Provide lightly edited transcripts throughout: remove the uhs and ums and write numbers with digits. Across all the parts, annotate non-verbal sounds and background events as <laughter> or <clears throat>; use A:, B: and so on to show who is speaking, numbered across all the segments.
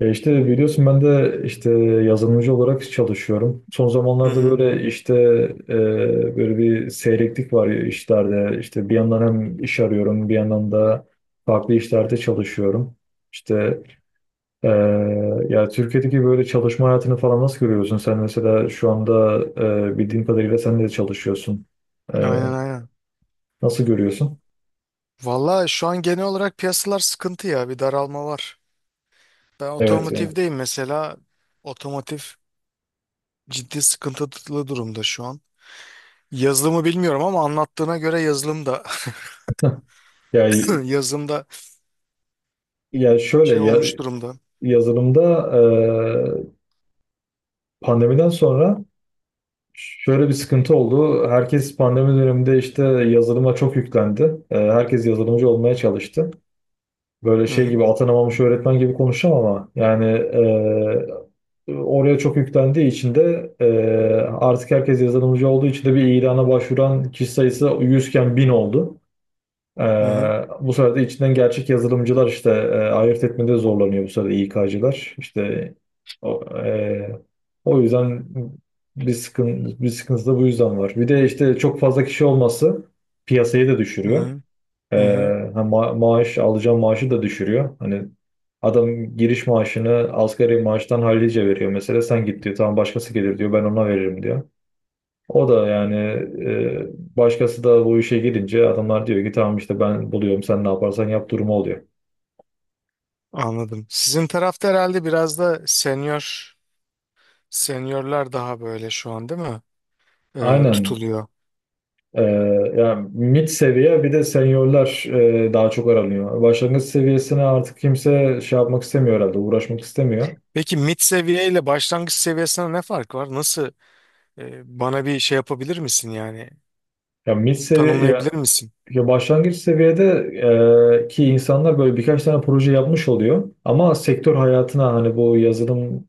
A: Ya işte biliyorsun ben de işte yazılımcı olarak çalışıyorum. Son
B: Hı
A: zamanlarda
B: hı.
A: böyle işte böyle bir seyreklik var ya işlerde. İşte bir yandan hem iş arıyorum, bir yandan da farklı işlerde çalışıyorum. İşte e, Ya Türkiye'deki böyle çalışma hayatını falan nasıl görüyorsun? Sen mesela şu anda bildiğim kadarıyla sen de çalışıyorsun. E,
B: Aynen aynen.
A: Nasıl görüyorsun?
B: Valla şu an genel olarak piyasalar sıkıntı ya. Bir daralma var. Ben
A: Evet yani.
B: otomotivdeyim mesela. Otomotiv ciddi sıkıntılı durumda şu an. Yazılımı bilmiyorum ama anlattığına göre yazılım da
A: Ya,
B: <laughs> yazılım da
A: ya şöyle
B: şey
A: ya,
B: olmuş durumda.
A: Yazılımda e, pandemiden sonra şöyle bir sıkıntı oldu. Herkes pandemi döneminde işte yazılıma çok yüklendi. Herkes yazılımcı olmaya çalıştı. Böyle
B: Hı
A: şey
B: hı.
A: gibi atanamamış öğretmen gibi konuşacağım ama yani oraya çok yüklendiği için de artık herkes yazılımcı olduğu için de bir ilana başvuran kişi sayısı 100 iken 1000 oldu. Ee,
B: Hı hı.
A: Bu sefer içinden gerçek yazılımcılar işte ayırt etmede zorlanıyor bu sefer de İK'cılar. İşte o, e, o yüzden bir sıkıntı, bir sıkıntı da bu yüzden var. Bir de işte çok fazla kişi olması piyasayı da
B: Hı
A: düşürüyor.
B: hı.
A: Ee,
B: Hı hı.
A: maaş alacağım maaşı da düşürüyor. Hani adam giriş maaşını asgari maaştan hallice veriyor mesela. Sen git diyor tamam başkası gelir diyor ben ona veririm diyor. O da yani başkası da bu işe girince adamlar diyor ki tamam işte ben buluyorum sen ne yaparsan yap durumu oluyor.
B: Anladım. Sizin tarafta herhalde biraz da seniorlar daha böyle şu an, değil mi?
A: Aynen.
B: Tutuluyor.
A: E, Yani mid seviye bir de seniorlar daha çok aranıyor. Başlangıç seviyesine artık kimse şey yapmak istemiyor herhalde uğraşmak istemiyor.
B: Peki mid seviye ile başlangıç seviyesine ne fark var? Nasıl? Bana bir şey yapabilir misin yani?
A: Ya mid seviye ya,
B: Tanımlayabilir misin?
A: ya başlangıç seviyede ki insanlar böyle birkaç tane proje yapmış oluyor. Ama sektör hayatına hani bu yazılım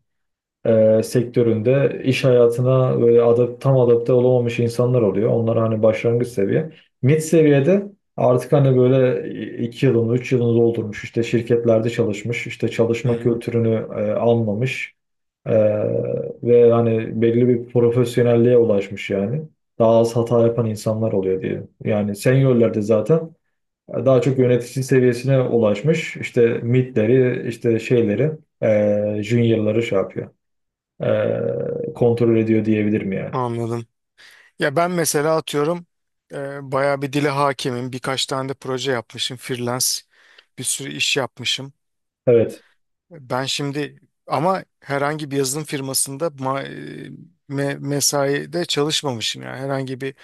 A: sektöründe iş hayatına böyle tam adapte olamamış insanlar oluyor. Onlar hani başlangıç seviye. Mid seviyede artık hani böyle iki yılını, üç yılını doldurmuş, işte şirketlerde çalışmış, işte
B: Hı
A: çalışma
B: hı,
A: kültürünü anlamış e, ve hani belli bir profesyonelliğe ulaşmış yani. Daha az hata yapan insanlar oluyor diyelim. Yani seniorlerde zaten daha çok yönetici seviyesine ulaşmış. İşte midleri, işte şeyleri, juniorları şey yapıyor kontrol ediyor diyebilirim yani.
B: anladım. Ya ben mesela atıyorum, bayağı bir dile hakimim. Birkaç tane de proje yapmışım. Freelance bir sürü iş yapmışım.
A: Evet.
B: Ben şimdi ama herhangi bir yazılım firmasında mesaide çalışmamışım. Yani herhangi bir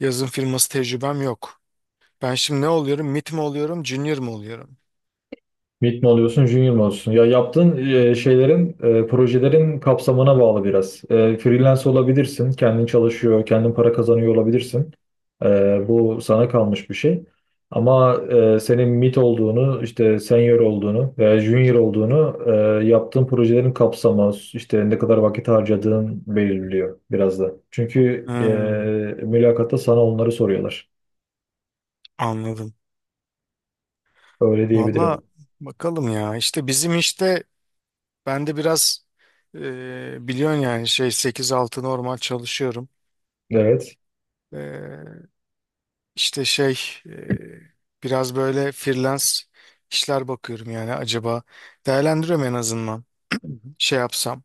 B: yazılım firması tecrübem yok. Ben şimdi ne oluyorum? Mid mi oluyorum? Junior mu oluyorum?
A: Mid mi oluyorsun, junior mu oluyorsun? Ya yaptığın şeylerin, projelerin kapsamına bağlı biraz. E, freelance olabilirsin, kendin çalışıyor, kendin para kazanıyor olabilirsin. E, bu sana kalmış bir şey. Ama senin mid olduğunu, işte senior olduğunu veya junior olduğunu yaptığın projelerin kapsamı, işte ne kadar vakit harcadığın belirliyor biraz da. Çünkü
B: Hmm,
A: mülakatta sana onları soruyorlar.
B: anladım.
A: Öyle
B: Valla
A: diyebilirim.
B: bakalım ya. İşte bizim işte, ben de biraz, biliyorsun yani şey sekiz altı normal çalışıyorum.
A: Evet.
B: E, işte şey, biraz böyle freelance işler bakıyorum yani, acaba, değerlendiriyorum en azından. Şey yapsam,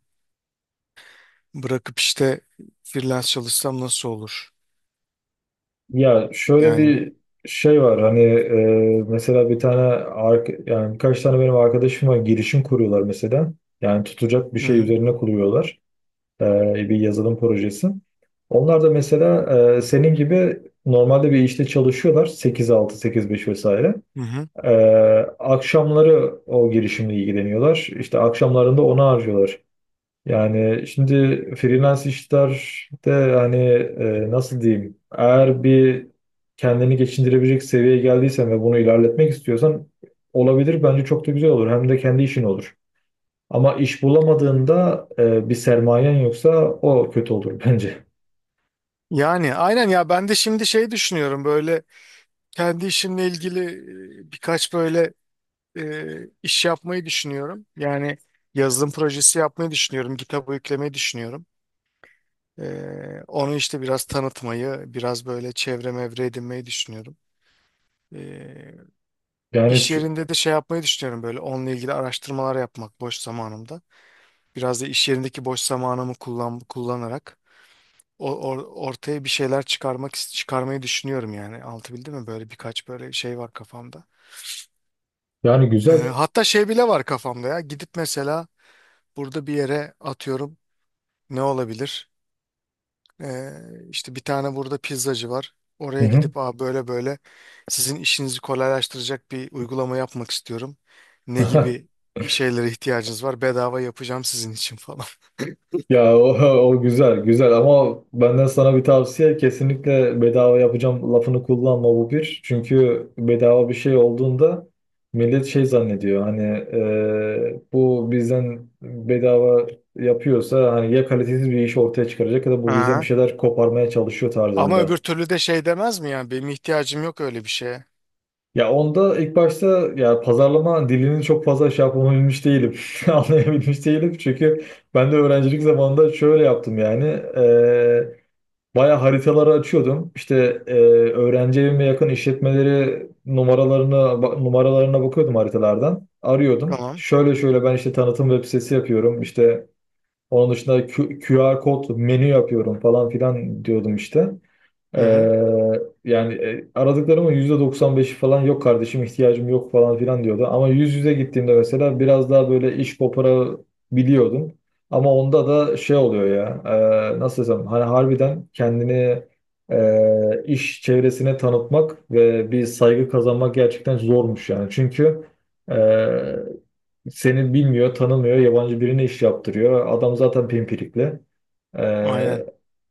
B: bırakıp işte freelance çalışsam nasıl olur?
A: Ya şöyle
B: Yani
A: bir şey var hani mesela bir tane yani birkaç tane benim arkadaşım var girişim kuruyorlar mesela. Yani tutacak bir
B: hı
A: şey
B: hı,
A: üzerine kuruyorlar. E, Bir yazılım projesi. Onlar da mesela senin gibi normalde bir işte çalışıyorlar 8-6 8-5 vesaire.
B: hı hı.
A: E, Akşamları o girişimle ilgileniyorlar. İşte akşamlarında onu harcıyorlar. Yani şimdi freelance işlerde hani nasıl diyeyim eğer bir kendini geçindirebilecek seviyeye geldiysen ve bunu ilerletmek istiyorsan olabilir bence çok da güzel olur hem de kendi işin olur. Ama iş bulamadığında bir sermayen yoksa o kötü olur <laughs> bence.
B: Yani aynen ya, ben de şimdi şey düşünüyorum böyle, kendi işimle ilgili birkaç böyle e, iş yapmayı düşünüyorum. Yani yazılım projesi yapmayı düşünüyorum. GitHub'a yüklemeyi düşünüyorum. E, onu işte biraz tanıtmayı, biraz böyle çevre mevre edinmeyi düşünüyorum. E,
A: Yani
B: iş
A: çü-
B: yerinde de şey yapmayı düşünüyorum, böyle onunla ilgili araştırmalar yapmak boş zamanımda. Biraz da iş yerindeki boş zamanımı kullanarak ortaya bir şeyler çıkarmayı düşünüyorum yani. Altı bildi mi? Böyle birkaç böyle şey var kafamda.
A: Yani
B: E,
A: güzel.
B: hatta şey bile var kafamda ya. Gidip mesela burada bir yere, atıyorum, ne olabilir? Ee, işte bir tane burada pizzacı var.
A: Hı
B: Oraya
A: hı.
B: gidip, aa, böyle böyle sizin işinizi kolaylaştıracak bir uygulama yapmak istiyorum. Ne
A: <laughs>
B: gibi şeylere ihtiyacınız var? Bedava yapacağım sizin için falan.
A: Ya o, <laughs> o güzel güzel ama benden sana bir tavsiye kesinlikle bedava yapacağım lafını kullanma bu bir. Çünkü bedava bir şey olduğunda millet şey zannediyor hani bu bizden bedava yapıyorsa hani ya kalitesiz bir iş ortaya çıkaracak ya da
B: <laughs>
A: bu bizden bir
B: Aha.
A: şeyler koparmaya çalışıyor
B: Ama öbür
A: tarzında.
B: türlü de şey demez mi yani? Benim ihtiyacım yok öyle bir şeye.
A: Ya onda ilk başta ya pazarlama dilini çok fazla şey yapabilmiş değilim. <laughs> Anlayabilmiş değilim çünkü ben de öğrencilik zamanında şöyle yaptım yani. Baya haritaları açıyordum. İşte e, öğrenci evime yakın işletmeleri numaralarına bakıyordum haritalardan. Arıyordum.
B: Tamam.
A: Şöyle şöyle ben işte tanıtım web sitesi yapıyorum. İşte onun dışında QR kod menü yapıyorum falan filan diyordum işte.
B: Hı hı.
A: Ee, Yani aradıklarımın %95'i falan yok kardeşim ihtiyacım yok falan filan diyordu. Ama yüz yüze gittiğimde mesela biraz daha böyle iş koparabiliyordum. Ama onda da şey oluyor ya nasıl desem hani harbiden kendini iş çevresine tanıtmak ve bir saygı kazanmak gerçekten zormuş yani. Çünkü e, seni bilmiyor, tanımıyor, yabancı birine iş yaptırıyor. Adam zaten pimpirikli.
B: Aynen.
A: Ee,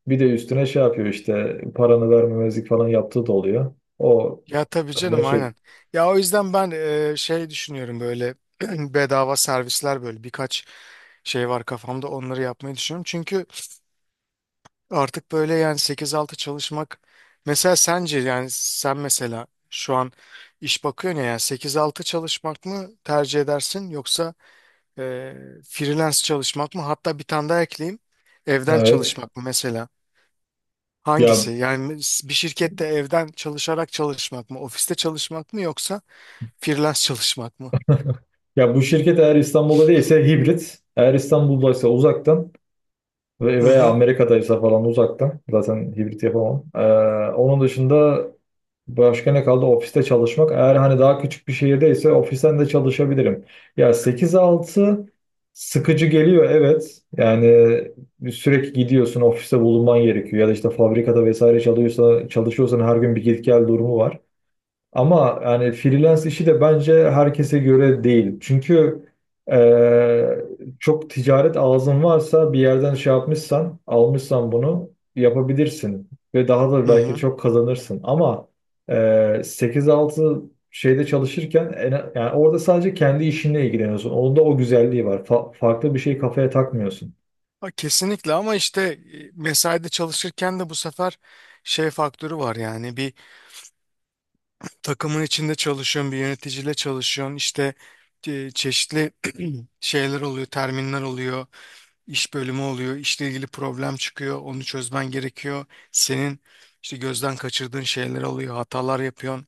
A: Bir de üstüne şey yapıyor işte paranı vermemezlik falan yaptığı da oluyor. O
B: Ya tabii
A: da
B: canım,
A: şey.
B: aynen. Ya o yüzden ben, şey düşünüyorum böyle, <clears throat> bedava servisler, böyle birkaç şey var kafamda, onları yapmayı düşünüyorum. Çünkü artık böyle yani, sekiz altı çalışmak mesela, sence yani, sen mesela şu an iş bakıyorsun ya, yani sekiz altı çalışmak mı tercih edersin, yoksa e, freelance çalışmak mı? Hatta bir tane daha ekleyeyim, evden
A: Evet.
B: çalışmak mı mesela?
A: Ya
B: Hangisi yani, bir şirkette evden çalışarak çalışmak mı, ofiste çalışmak mı, yoksa freelance çalışmak mı?
A: ya bu şirket eğer İstanbul'da değilse hibrit. Eğer İstanbul'daysa uzaktan.
B: Hı
A: Veya
B: hı.
A: Amerika'daysa falan uzaktan. Zaten hibrit yapamam. Onun dışında başka ne kaldı? Ofiste çalışmak. Eğer hani daha küçük bir şehirdeyse ofisten de çalışabilirim. Ya sekiz altı sıkıcı geliyor evet. Yani sürekli gidiyorsun ofiste bulunman gerekiyor. Ya da işte fabrikada vesaire çalışıyorsa, çalışıyorsan her gün bir git gel durumu var. Ama yani freelance işi de bence herkese göre değil. Çünkü e, çok ticaret ağzın varsa bir yerden şey yapmışsan, almışsan bunu yapabilirsin. Ve daha da
B: Hı
A: belki
B: hı.
A: çok kazanırsın. Ama e, 8-6 şeyde çalışırken yani orada sadece kendi işinle ilgileniyorsun. Onda o güzelliği var. Farklı bir şey kafaya takmıyorsun.
B: Ha, kesinlikle. Ama işte mesaide çalışırken de bu sefer şey faktörü var yani, takımın içinde çalışıyorsun, bir yöneticiyle çalışıyorsun. İşte çeşitli <clears throat> şeyler oluyor, terminler oluyor, iş bölümü oluyor, işle ilgili problem çıkıyor, onu çözmen gerekiyor. Senin işte gözden kaçırdığın şeyler oluyor, hatalar yapıyorsun.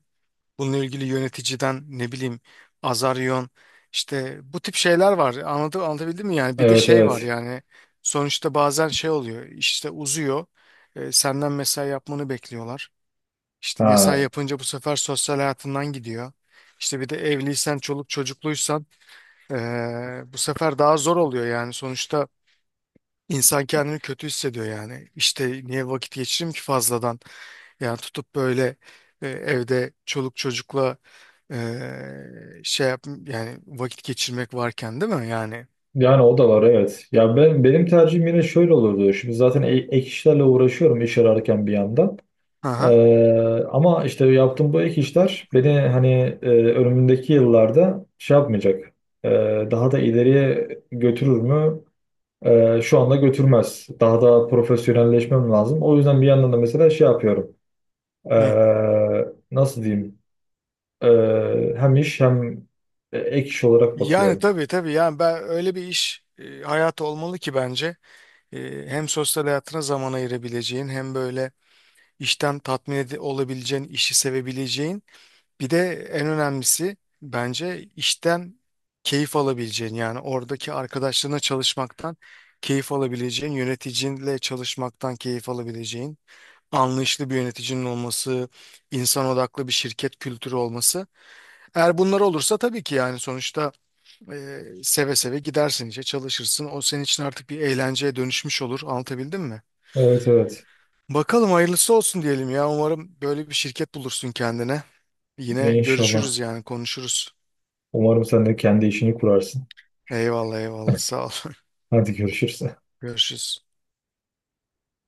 B: Bununla ilgili yöneticiden, ne bileyim, azar yiyorsun. İşte bu tip şeyler var. Anladım, anlatabildim mi yani? Bir de
A: Evet
B: şey var
A: evet.
B: yani, sonuçta bazen şey oluyor, işte uzuyor. E, senden mesai yapmanı bekliyorlar. İşte mesai
A: Ha.
B: yapınca bu sefer sosyal hayatından gidiyor. İşte bir de evliysen, çoluk çocukluysan, bu sefer daha zor oluyor yani. Sonuçta insan kendini kötü hissediyor yani. İşte niye vakit geçireyim ki fazladan? Yani tutup böyle evde çoluk çocukla şey yap yani, vakit geçirmek varken, değil mi yani?
A: Yani o da var evet. Ya ben benim tercihim yine şöyle olurdu. Şimdi zaten ek işlerle uğraşıyorum iş ararken bir yandan.
B: Aha.
A: Ama işte yaptığım bu ek işler beni hani önümündeki yıllarda şey yapmayacak. Ee, Daha da ileriye götürür mü? Şu anda götürmez. Daha da profesyonelleşmem lazım. O yüzden bir yandan da mesela şey yapıyorum.
B: Hı.
A: Ee, Nasıl diyeyim? Hem iş hem ek iş olarak
B: Yani
A: bakıyorum.
B: tabii tabii yani, ben öyle bir iş, hayatı olmalı ki, bence, hem sosyal hayatına zaman ayırabileceğin, hem böyle işten olabileceğin, işi sevebileceğin. Bir de en önemlisi, bence işten keyif alabileceğin, yani oradaki arkadaşlarına çalışmaktan keyif alabileceğin, yöneticinle çalışmaktan keyif alabileceğin, anlayışlı bir yöneticinin olması, insan odaklı bir şirket kültürü olması. Eğer bunlar olursa tabii ki yani, sonuçta seve seve gidersin işe, çalışırsın. O senin için artık bir eğlenceye dönüşmüş olur. Anlatabildim mi?
A: Evet evet.
B: Bakalım, hayırlısı olsun diyelim ya. Umarım böyle bir şirket bulursun kendine. Yine
A: İnşallah.
B: görüşürüz yani, konuşuruz.
A: Umarım sen de kendi işini kurarsın.
B: Eyvallah eyvallah, sağ ol.
A: Hadi görüşürüz.
B: <laughs> Görüşürüz.